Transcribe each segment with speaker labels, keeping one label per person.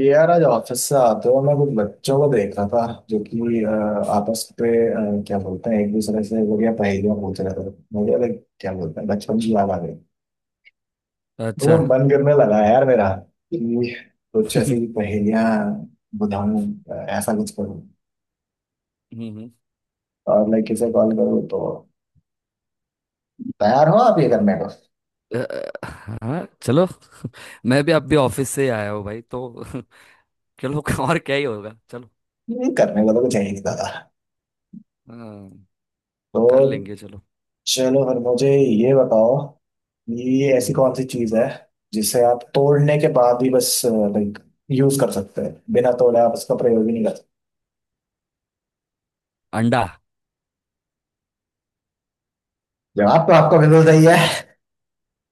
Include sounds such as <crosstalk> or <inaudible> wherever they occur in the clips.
Speaker 1: यार आज ऑफिस से आते हुए मैं कुछ बच्चों को देख रहा था जो कि आपस पे क्या बोलते हैं, एक दूसरे से बढ़िया पहेलियां पूछ रहे थे। मुझे लाइक क्या बोलते हैं, बचपन की याद आ गई।
Speaker 2: अच्छा।
Speaker 1: मतलब मन करने लगा यार मेरा कि कुछ ऐसी
Speaker 2: <laughs>
Speaker 1: पहेलियां बुझाऊं, ऐसा कुछ करूं
Speaker 2: हम्म।
Speaker 1: और लाइक किसे कॉल करूं, तो तैयार हो आप ये करने को।
Speaker 2: अ, अ, हाँ चलो। <laughs> मैं भी अब भी ऑफिस से ही आया हूँ भाई तो। <laughs> चलो और क्या ही होगा चलो।
Speaker 1: करने को तो कुछ है ही नहीं दादा।
Speaker 2: हाँ, कर
Speaker 1: तो
Speaker 2: लेंगे चलो।
Speaker 1: चलो फिर मुझे ये बताओ, ये ऐसी
Speaker 2: हम्म,
Speaker 1: कौन सी चीज है जिसे आप तोड़ने के बाद भी बस लाइक यूज कर सकते हैं, बिना तोड़े आप उसका प्रयोग ही नहीं कर सकते।
Speaker 2: अंडा।
Speaker 1: जवाब तो आपका बिल्कुल सही है,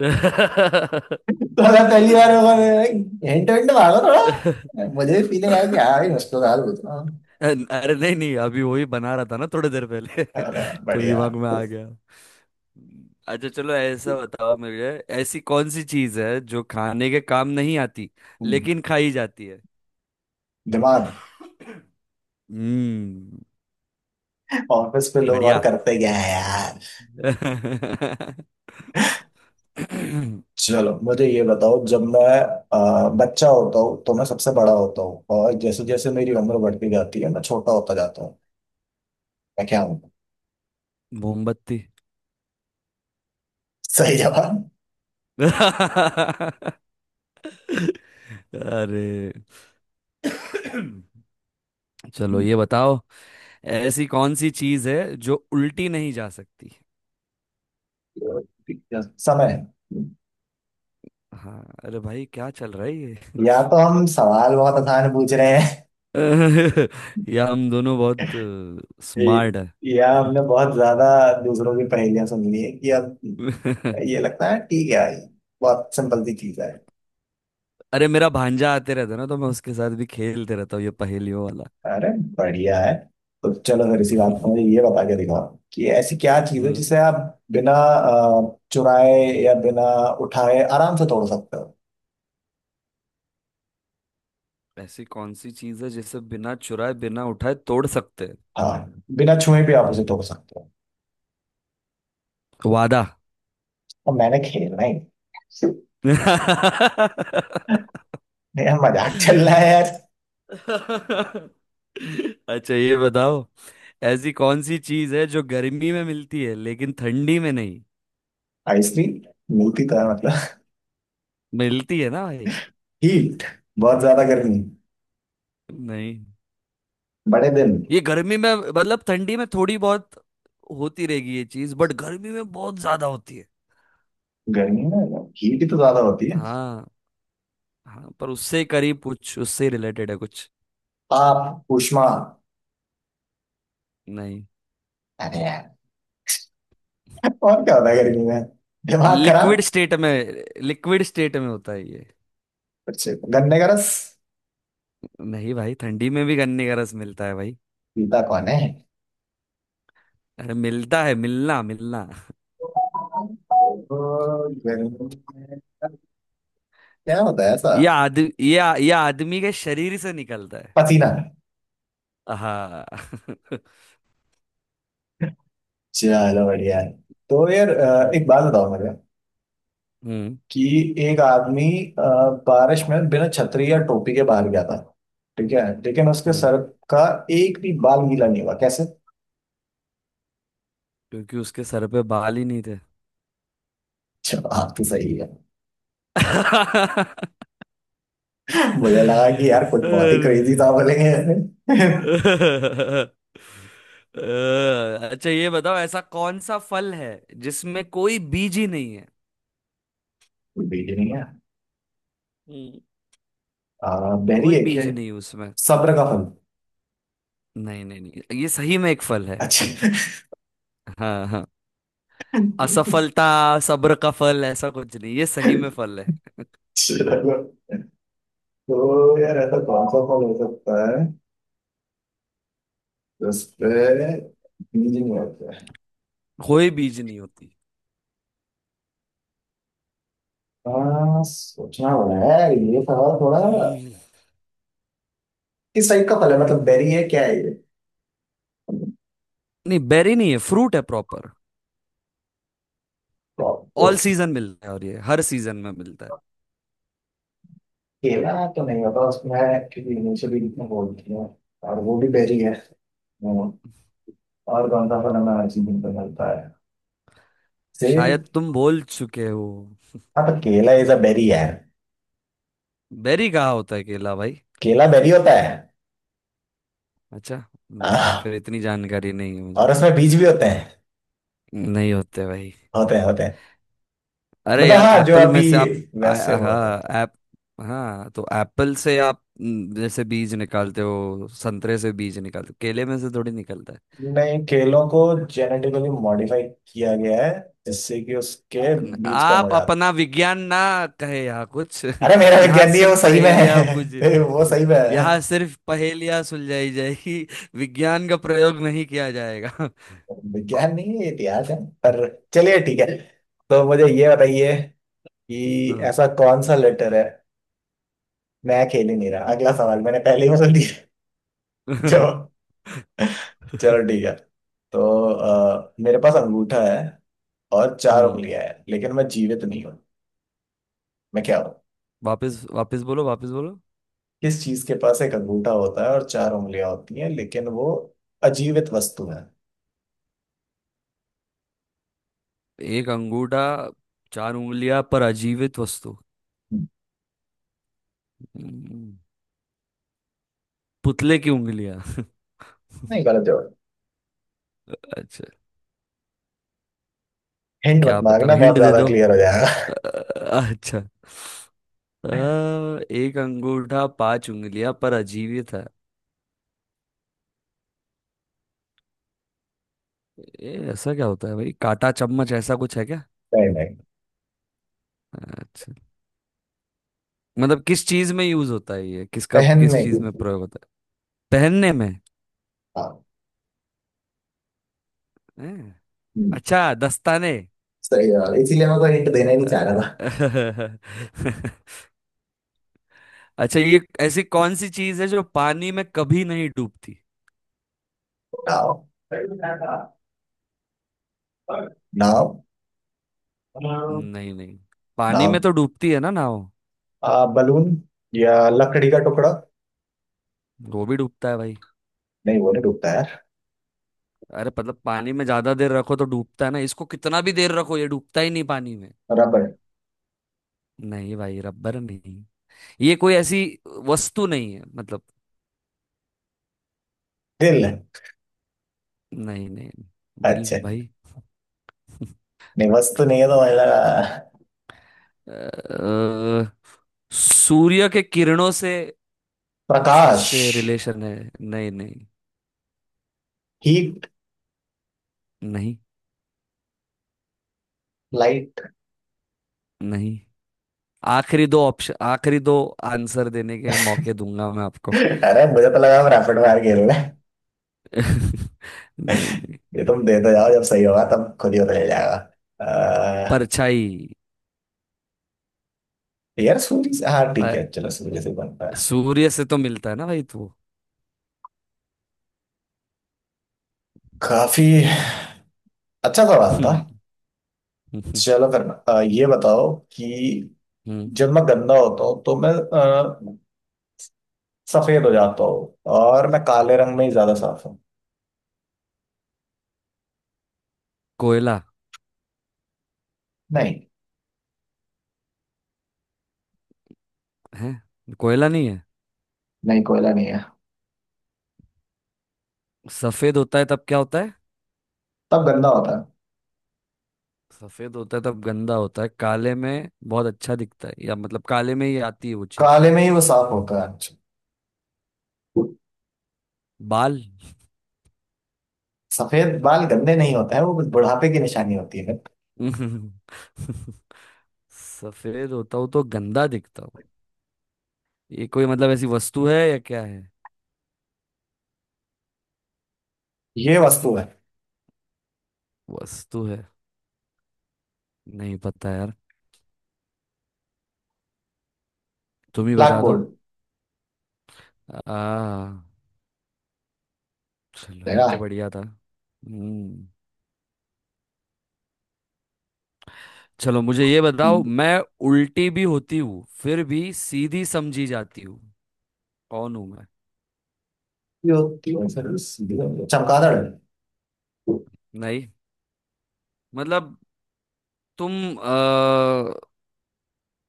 Speaker 2: <laughs>
Speaker 1: थोड़ा पहली बार होगा हिंट हिंट मांगो, थोड़ा मुझे भी फीलिंग आई कि हाँ, ये मुश्किल सवाल पूछना।
Speaker 2: अरे नहीं नहीं अभी वही बना रहा था ना थोड़ी देर पहले
Speaker 1: अरे वाह,
Speaker 2: <laughs> तो
Speaker 1: बढ़िया।
Speaker 2: दिमाग में आ गया। अच्छा चलो ऐसा बताओ मुझे। ऐसी कौन सी चीज है जो खाने के काम नहीं आती
Speaker 1: हम्म,
Speaker 2: लेकिन खाई जाती है।
Speaker 1: दिमाग।
Speaker 2: हम्म।
Speaker 1: ऑफिस पे लोग और
Speaker 2: बढ़िया।
Speaker 1: करते क्या है यार।
Speaker 2: <laughs>
Speaker 1: चलो मुझे ये बताओ, जब मैं बच्चा होता हूँ तो मैं सबसे बड़ा होता हूँ, और जैसे जैसे मेरी उम्र बढ़ती जाती है मैं छोटा होता जाता हूँ। मैं क्या हूँ?
Speaker 2: मोमबत्ती।
Speaker 1: सही जवाब।
Speaker 2: अरे। चलो ये बताओ। ऐसी कौन सी चीज है जो उल्टी नहीं जा सकती।
Speaker 1: समय।
Speaker 2: हाँ। अरे भाई क्या चल रहा है ये।
Speaker 1: या तो हम सवाल बहुत आसान पूछ रहे हैं,
Speaker 2: <laughs> या हम दोनों बहुत
Speaker 1: ए-
Speaker 2: स्मार्ट है।
Speaker 1: या हमने बहुत ज्यादा दूसरों की पहेलियां सुन ली है कि अब
Speaker 2: <laughs>
Speaker 1: ये लगता है, ठीक है बहुत सिंपल सी चीज है।
Speaker 2: अरे मेरा भांजा आते रहता है ना तो मैं उसके साथ भी खेलते रहता हूँ ये पहेलियों वाला।
Speaker 1: अरे बढ़िया है। तो चलो फिर इसी बात पर मुझे
Speaker 2: <laughs>
Speaker 1: ये बता के दिखाओ कि ऐसी क्या चीज है
Speaker 2: हम्म।
Speaker 1: जिसे आप बिना चुराए या बिना उठाए आराम से तोड़ सकते हो।
Speaker 2: ऐसी कौन सी चीज है जिसे बिना चुराए बिना उठाए तोड़ सकते हैं।
Speaker 1: हाँ, बिना छुए भी आप उसे तोड़ सकते हो।
Speaker 2: वादा।
Speaker 1: और मैंने खेलना ही नहीं।
Speaker 2: <laughs>
Speaker 1: यार मजाक
Speaker 2: अच्छा
Speaker 1: चल रहा है यार।
Speaker 2: ये बताओ। ऐसी कौन सी चीज है जो गर्मी में मिलती है लेकिन ठंडी में नहीं।
Speaker 1: आइसक्रीम मिलती तो है मतलब।
Speaker 2: मिलती है ना भाई।
Speaker 1: हीट। बहुत ज्यादा गर्मी,
Speaker 2: नहीं।
Speaker 1: बड़े दिन।
Speaker 2: ये गर्मी में मतलब ठंडी में थोड़ी बहुत होती रहेगी ये चीज बट गर्मी में बहुत ज्यादा होती है।
Speaker 1: गर्मी में हीट ही तो ज्यादा होती है।
Speaker 2: हाँ। हाँ पर उससे करीब कुछ उससे रिलेटेड है कुछ।
Speaker 1: आप ऊष्मा।
Speaker 2: नहीं।
Speaker 1: अरे यार, और क्या होता है गर्मी में, दिमाग
Speaker 2: लिक्विड
Speaker 1: खराब।
Speaker 2: स्टेट में। लिक्विड स्टेट में होता है ये।
Speaker 1: कुछ गन्ने का रस।
Speaker 2: नहीं भाई ठंडी में भी गन्ने का रस मिलता है भाई।
Speaker 1: गीता कौन है।
Speaker 2: अरे मिलता है मिलना मिलना।
Speaker 1: तो गर्मी में क्या होता है ऐसा?
Speaker 2: ये आदमी के शरीर से निकलता है।
Speaker 1: पसीना।
Speaker 2: हाँ। <laughs>
Speaker 1: चलो बढ़िया है। तो यार एक
Speaker 2: हम्म
Speaker 1: बात बताओ मुझे
Speaker 2: हम्म
Speaker 1: कि एक आदमी अ, बारिश में बिना छतरी या टोपी के बाहर गया था, ठीक है, लेकिन उसके
Speaker 2: हम्म।
Speaker 1: सर का एक भी बाल गीला नहीं हुआ, कैसे?
Speaker 2: क्योंकि उसके सर पे बाल ही नहीं थे।
Speaker 1: जवाब तो सही है।
Speaker 2: <laughs>
Speaker 1: मुझे लगा कि यार कुछ बहुत ही क्रेजी
Speaker 2: अरे।
Speaker 1: था बोलेंगे। <laughs>
Speaker 2: अ, अच्छा ये बताओ। ऐसा कौन सा फल है जिसमें कोई बीज ही नहीं है।
Speaker 1: कोई भी नहीं है?
Speaker 2: हम्म।
Speaker 1: आ, बहरी
Speaker 2: कोई
Speaker 1: है क्या
Speaker 2: बीज
Speaker 1: ये?
Speaker 2: नहीं है उसमें।
Speaker 1: सब्र का फल।
Speaker 2: नहीं नहीं नहीं ये सही में एक फल है।
Speaker 1: अच्छा।
Speaker 2: हाँ हाँ। असफलता। सब्र का फल ऐसा कुछ नहीं ये सही में फल है।
Speaker 1: चलो, तो यार ऐसा कौन सा फल हो सकता है जिसपे बीज नहीं होते?
Speaker 2: कोई बीज नहीं होती।
Speaker 1: हाँ, सोचना पड़ा है ये सवाल थोड़ा।
Speaker 2: हम्म।
Speaker 1: किस टाइप का फल है, मतलब बेरी है, क्या है ये?
Speaker 2: नहीं बेरी नहीं है फ्रूट है प्रॉपर।
Speaker 1: Well, तो
Speaker 2: ऑल सीजन मिलता है और ये हर सीजन में मिलता है।
Speaker 1: केला तो नहीं होता उसमें क्योंकि इनिशियली कितने बोलती है, और वो भी बेरी है। हम्म, और कौन सा फल हमें हर सीजन पे मिलता है? सेब।
Speaker 2: शायद तुम बोल चुके हो।
Speaker 1: हाँ तो केला इज अ बेरी है।
Speaker 2: बेरी कहाँ होता है केला भाई।
Speaker 1: केला बेरी होता है।
Speaker 2: अच्छा
Speaker 1: हाँ,
Speaker 2: फिर इतनी जानकारी नहीं है मुझे।
Speaker 1: और उसमें बीज भी होते हैं।
Speaker 2: नहीं होते भाई।
Speaker 1: होते हैं।
Speaker 2: अरे
Speaker 1: मतलब
Speaker 2: यार
Speaker 1: हाँ जो
Speaker 2: एप्पल
Speaker 1: अभी
Speaker 2: में से आप
Speaker 1: वैसे वो होते हैं।
Speaker 2: हाँ ऐप। हाँ तो एप्पल से आप जैसे बीज निकालते हो संतरे से बीज निकालते हो केले में से थोड़ी निकलता है।
Speaker 1: नहीं, केलों को जेनेटिकली मॉडिफाई किया गया है जिससे कि उसके बीज का
Speaker 2: आप
Speaker 1: मजा आता
Speaker 2: अपना विज्ञान ना कहे यहाँ कुछ
Speaker 1: है। अरे मेरा
Speaker 2: <laughs> यहाँ
Speaker 1: विज्ञान नहीं है,
Speaker 2: सिर्फ
Speaker 1: वो सही में
Speaker 2: पहेलियां बुझ
Speaker 1: है। <laughs> वो सही में
Speaker 2: <laughs>
Speaker 1: है।
Speaker 2: यहाँ सिर्फ पहेलियां सुलझाई जाएगी। विज्ञान का प्रयोग नहीं किया जाएगा। <laughs>
Speaker 1: विज्ञान नहीं है, इतिहास है। पर चलिए ठीक है। तो मुझे ये बताइए कि
Speaker 2: हम्म।
Speaker 1: ऐसा कौन सा लेटर है। मैं खेल ही नहीं रहा, अगला सवाल मैंने पहले ही बोल दिया। <laughs>
Speaker 2: <laughs>
Speaker 1: जो, चलो ठीक है। तो मेरे पास अंगूठा है और चार
Speaker 2: हम्म,
Speaker 1: उंगलियां हैं, लेकिन मैं जीवित नहीं हूँ। मैं क्या हूँ?
Speaker 2: वापिस वापिस बोलो वापिस बोलो।
Speaker 1: किस चीज के पास एक अंगूठा होता है और चार उंगलियां होती हैं, लेकिन वो अजीवित वस्तु है।
Speaker 2: एक अंगूठा चार उंगलियां पर अजीवित वस्तु। हम्म, पुतले की उंगलियां।
Speaker 1: नहीं गलत जवाब।
Speaker 2: <laughs> अच्छा।
Speaker 1: हिंट मत
Speaker 2: क्या पता
Speaker 1: मांगना, बहुत
Speaker 2: हिंट दे
Speaker 1: ज्यादा
Speaker 2: दो।
Speaker 1: क्लियर हो जाएगा।
Speaker 2: <laughs> अ,
Speaker 1: <laughs>
Speaker 2: अच्छा। अ, एक अंगूठा पांच उंगलियां पर अजीवित है। ये ऐसा क्या होता है भाई कांटा चम्मच ऐसा कुछ है क्या।
Speaker 1: नहीं नहीं।
Speaker 2: अच्छा। मतलब किस चीज में यूज होता है ये किस
Speaker 1: पहनने
Speaker 2: चीज
Speaker 1: की।
Speaker 2: में प्रयोग होता है। पहनने में।
Speaker 1: हाँ।
Speaker 2: हैं?
Speaker 1: हम्म,
Speaker 2: अच्छा दस्ताने।
Speaker 1: सही जवाब, इसीलिए मैं कोई हिंट देना ही नहीं चाह रहा था।
Speaker 2: अ, <laughs> अच्छा ये ऐसी कौन सी चीज है जो पानी में कभी नहीं डूबती।
Speaker 1: नाव। नाव।
Speaker 2: नहीं नहीं। पानी में
Speaker 1: नाव,
Speaker 2: तो डूबती है ना नाव।
Speaker 1: आ, बलून या लकड़ी का टुकड़ा।
Speaker 2: वो भी डूबता है भाई।
Speaker 1: नहीं वो नहीं डूबता यार।
Speaker 2: अरे मतलब पानी में ज्यादा देर रखो तो डूबता है ना इसको कितना भी देर रखो ये डूबता ही नहीं पानी में।
Speaker 1: रबर।
Speaker 2: नहीं भाई रबर नहीं। ये कोई ऐसी वस्तु नहीं है मतलब।
Speaker 1: दिल।
Speaker 2: नहीं नहीं दिल
Speaker 1: अच्छा नहीं,
Speaker 2: भाई।
Speaker 1: वस्तु नहीं है तो मतलब।
Speaker 2: अ, सूर्य के किरणों से कुछ
Speaker 1: प्रकाश।
Speaker 2: इससे रिलेशन है। नहीं नहीं।
Speaker 1: हीट।
Speaker 2: नहीं।
Speaker 1: लाइट।
Speaker 2: नहीं। आखिरी दो ऑप्शन आखिरी दो। आंसर देने के मौके दूंगा मैं आपको।
Speaker 1: अरे मुझे तो लगा हम रैपिड फायर खेल रहे हैं।
Speaker 2: <laughs> नहीं। नहीं।
Speaker 1: ये तुम देते जाओ, जब सही होगा तब खुद ही पता चल जाएगा। अह,
Speaker 2: परछाई।
Speaker 1: यार सूरी से, हाँ ठीक
Speaker 2: पर
Speaker 1: है चलो सूरी से बनता है।
Speaker 2: सूर्य से तो मिलता है ना भाई तो।
Speaker 1: काफी अच्छा सवाल था।
Speaker 2: हम्म। हम्म,
Speaker 1: चलो फिर ये बताओ कि
Speaker 2: हम्म,
Speaker 1: जब मैं गंदा होता हूँ तो मैं सफेद हो जाता हूँ, और मैं काले रंग में ही ज्यादा साफ हूँ।
Speaker 2: <laughs> कोयला
Speaker 1: नहीं।
Speaker 2: है। कोयला नहीं है।
Speaker 1: नहीं कोयला नहीं है।
Speaker 2: सफेद होता है तब क्या होता है।
Speaker 1: तब गंदा होता है।
Speaker 2: सफेद होता है तब गंदा होता है काले में बहुत अच्छा दिखता है या मतलब काले में ही आती है वो चीज।
Speaker 1: काले में ही वो साफ होता है।
Speaker 2: बाल।
Speaker 1: सफेद बाल गंदे नहीं होते हैं, वो बस बुढ़ापे की निशानी होती है।
Speaker 2: <laughs> सफेद होता हूँ तो गंदा दिखता हूँ। ये कोई मतलब ऐसी वस्तु है या क्या है।
Speaker 1: ये वस्तु है।
Speaker 2: वस्तु है। नहीं पता यार। तुम ही
Speaker 1: ब्लैक
Speaker 2: बता दो।
Speaker 1: बोर्ड।
Speaker 2: आ। चलो ये
Speaker 1: देखा।
Speaker 2: तो बढ़िया था। हम्म। चलो मुझे ये बताओ। मैं उल्टी भी होती हूँ फिर भी सीधी समझी जाती हूँ। कौन हूँ मैं।
Speaker 1: जो, चमगादड़।
Speaker 2: नहीं। मतलब तुम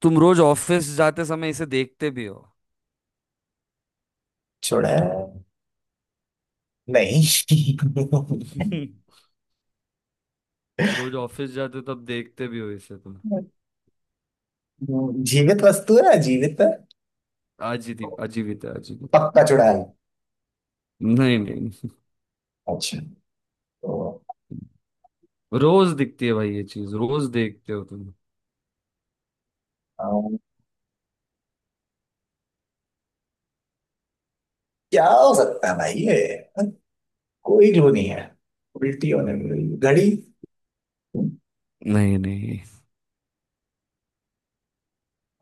Speaker 2: तुम रोज ऑफिस जाते समय इसे देखते भी हो।
Speaker 1: छोड़ा है? नहीं।
Speaker 2: <laughs> रोज ऑफिस जाते हो तब देखते भी हो इसे तुम।
Speaker 1: <laughs> जीवित वस्तु है ना, जीवित है।
Speaker 2: अजीब अजीवित है अजीवित।
Speaker 1: पक्का चुड़ैल।
Speaker 2: नहीं नहीं।
Speaker 1: अच्छा। तो
Speaker 2: रोज दिखती है भाई ये चीज रोज देखते हो तुम।
Speaker 1: अम, क्या हो सकता है भाई ये, कोई क्लू नहीं है। उल्टी होने वाली घड़ी।
Speaker 2: नहीं नहीं।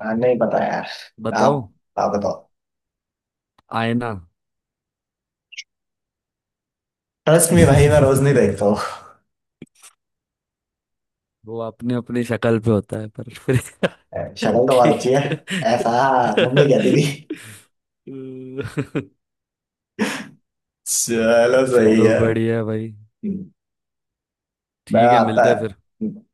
Speaker 1: हाँ, नहीं पता यार।
Speaker 2: बताओ।
Speaker 1: आप आप बताओ।
Speaker 2: आईना।
Speaker 1: ट्रस्ट में भाई मैं रोज नहीं
Speaker 2: <laughs>
Speaker 1: देखता हूँ।
Speaker 2: वो अपने अपने शक्ल पे होता है पर फिर <laughs>
Speaker 1: शक्ल तो बहुत अच्छी है।
Speaker 2: ठीक है।
Speaker 1: ऐसा मम्मी कहती थी।
Speaker 2: <laughs>
Speaker 1: चलो सही
Speaker 2: चलो
Speaker 1: है।
Speaker 2: बढ़िया भाई।
Speaker 1: मैं
Speaker 2: ठीक है
Speaker 1: आता
Speaker 2: मिलते हैं फिर।
Speaker 1: है।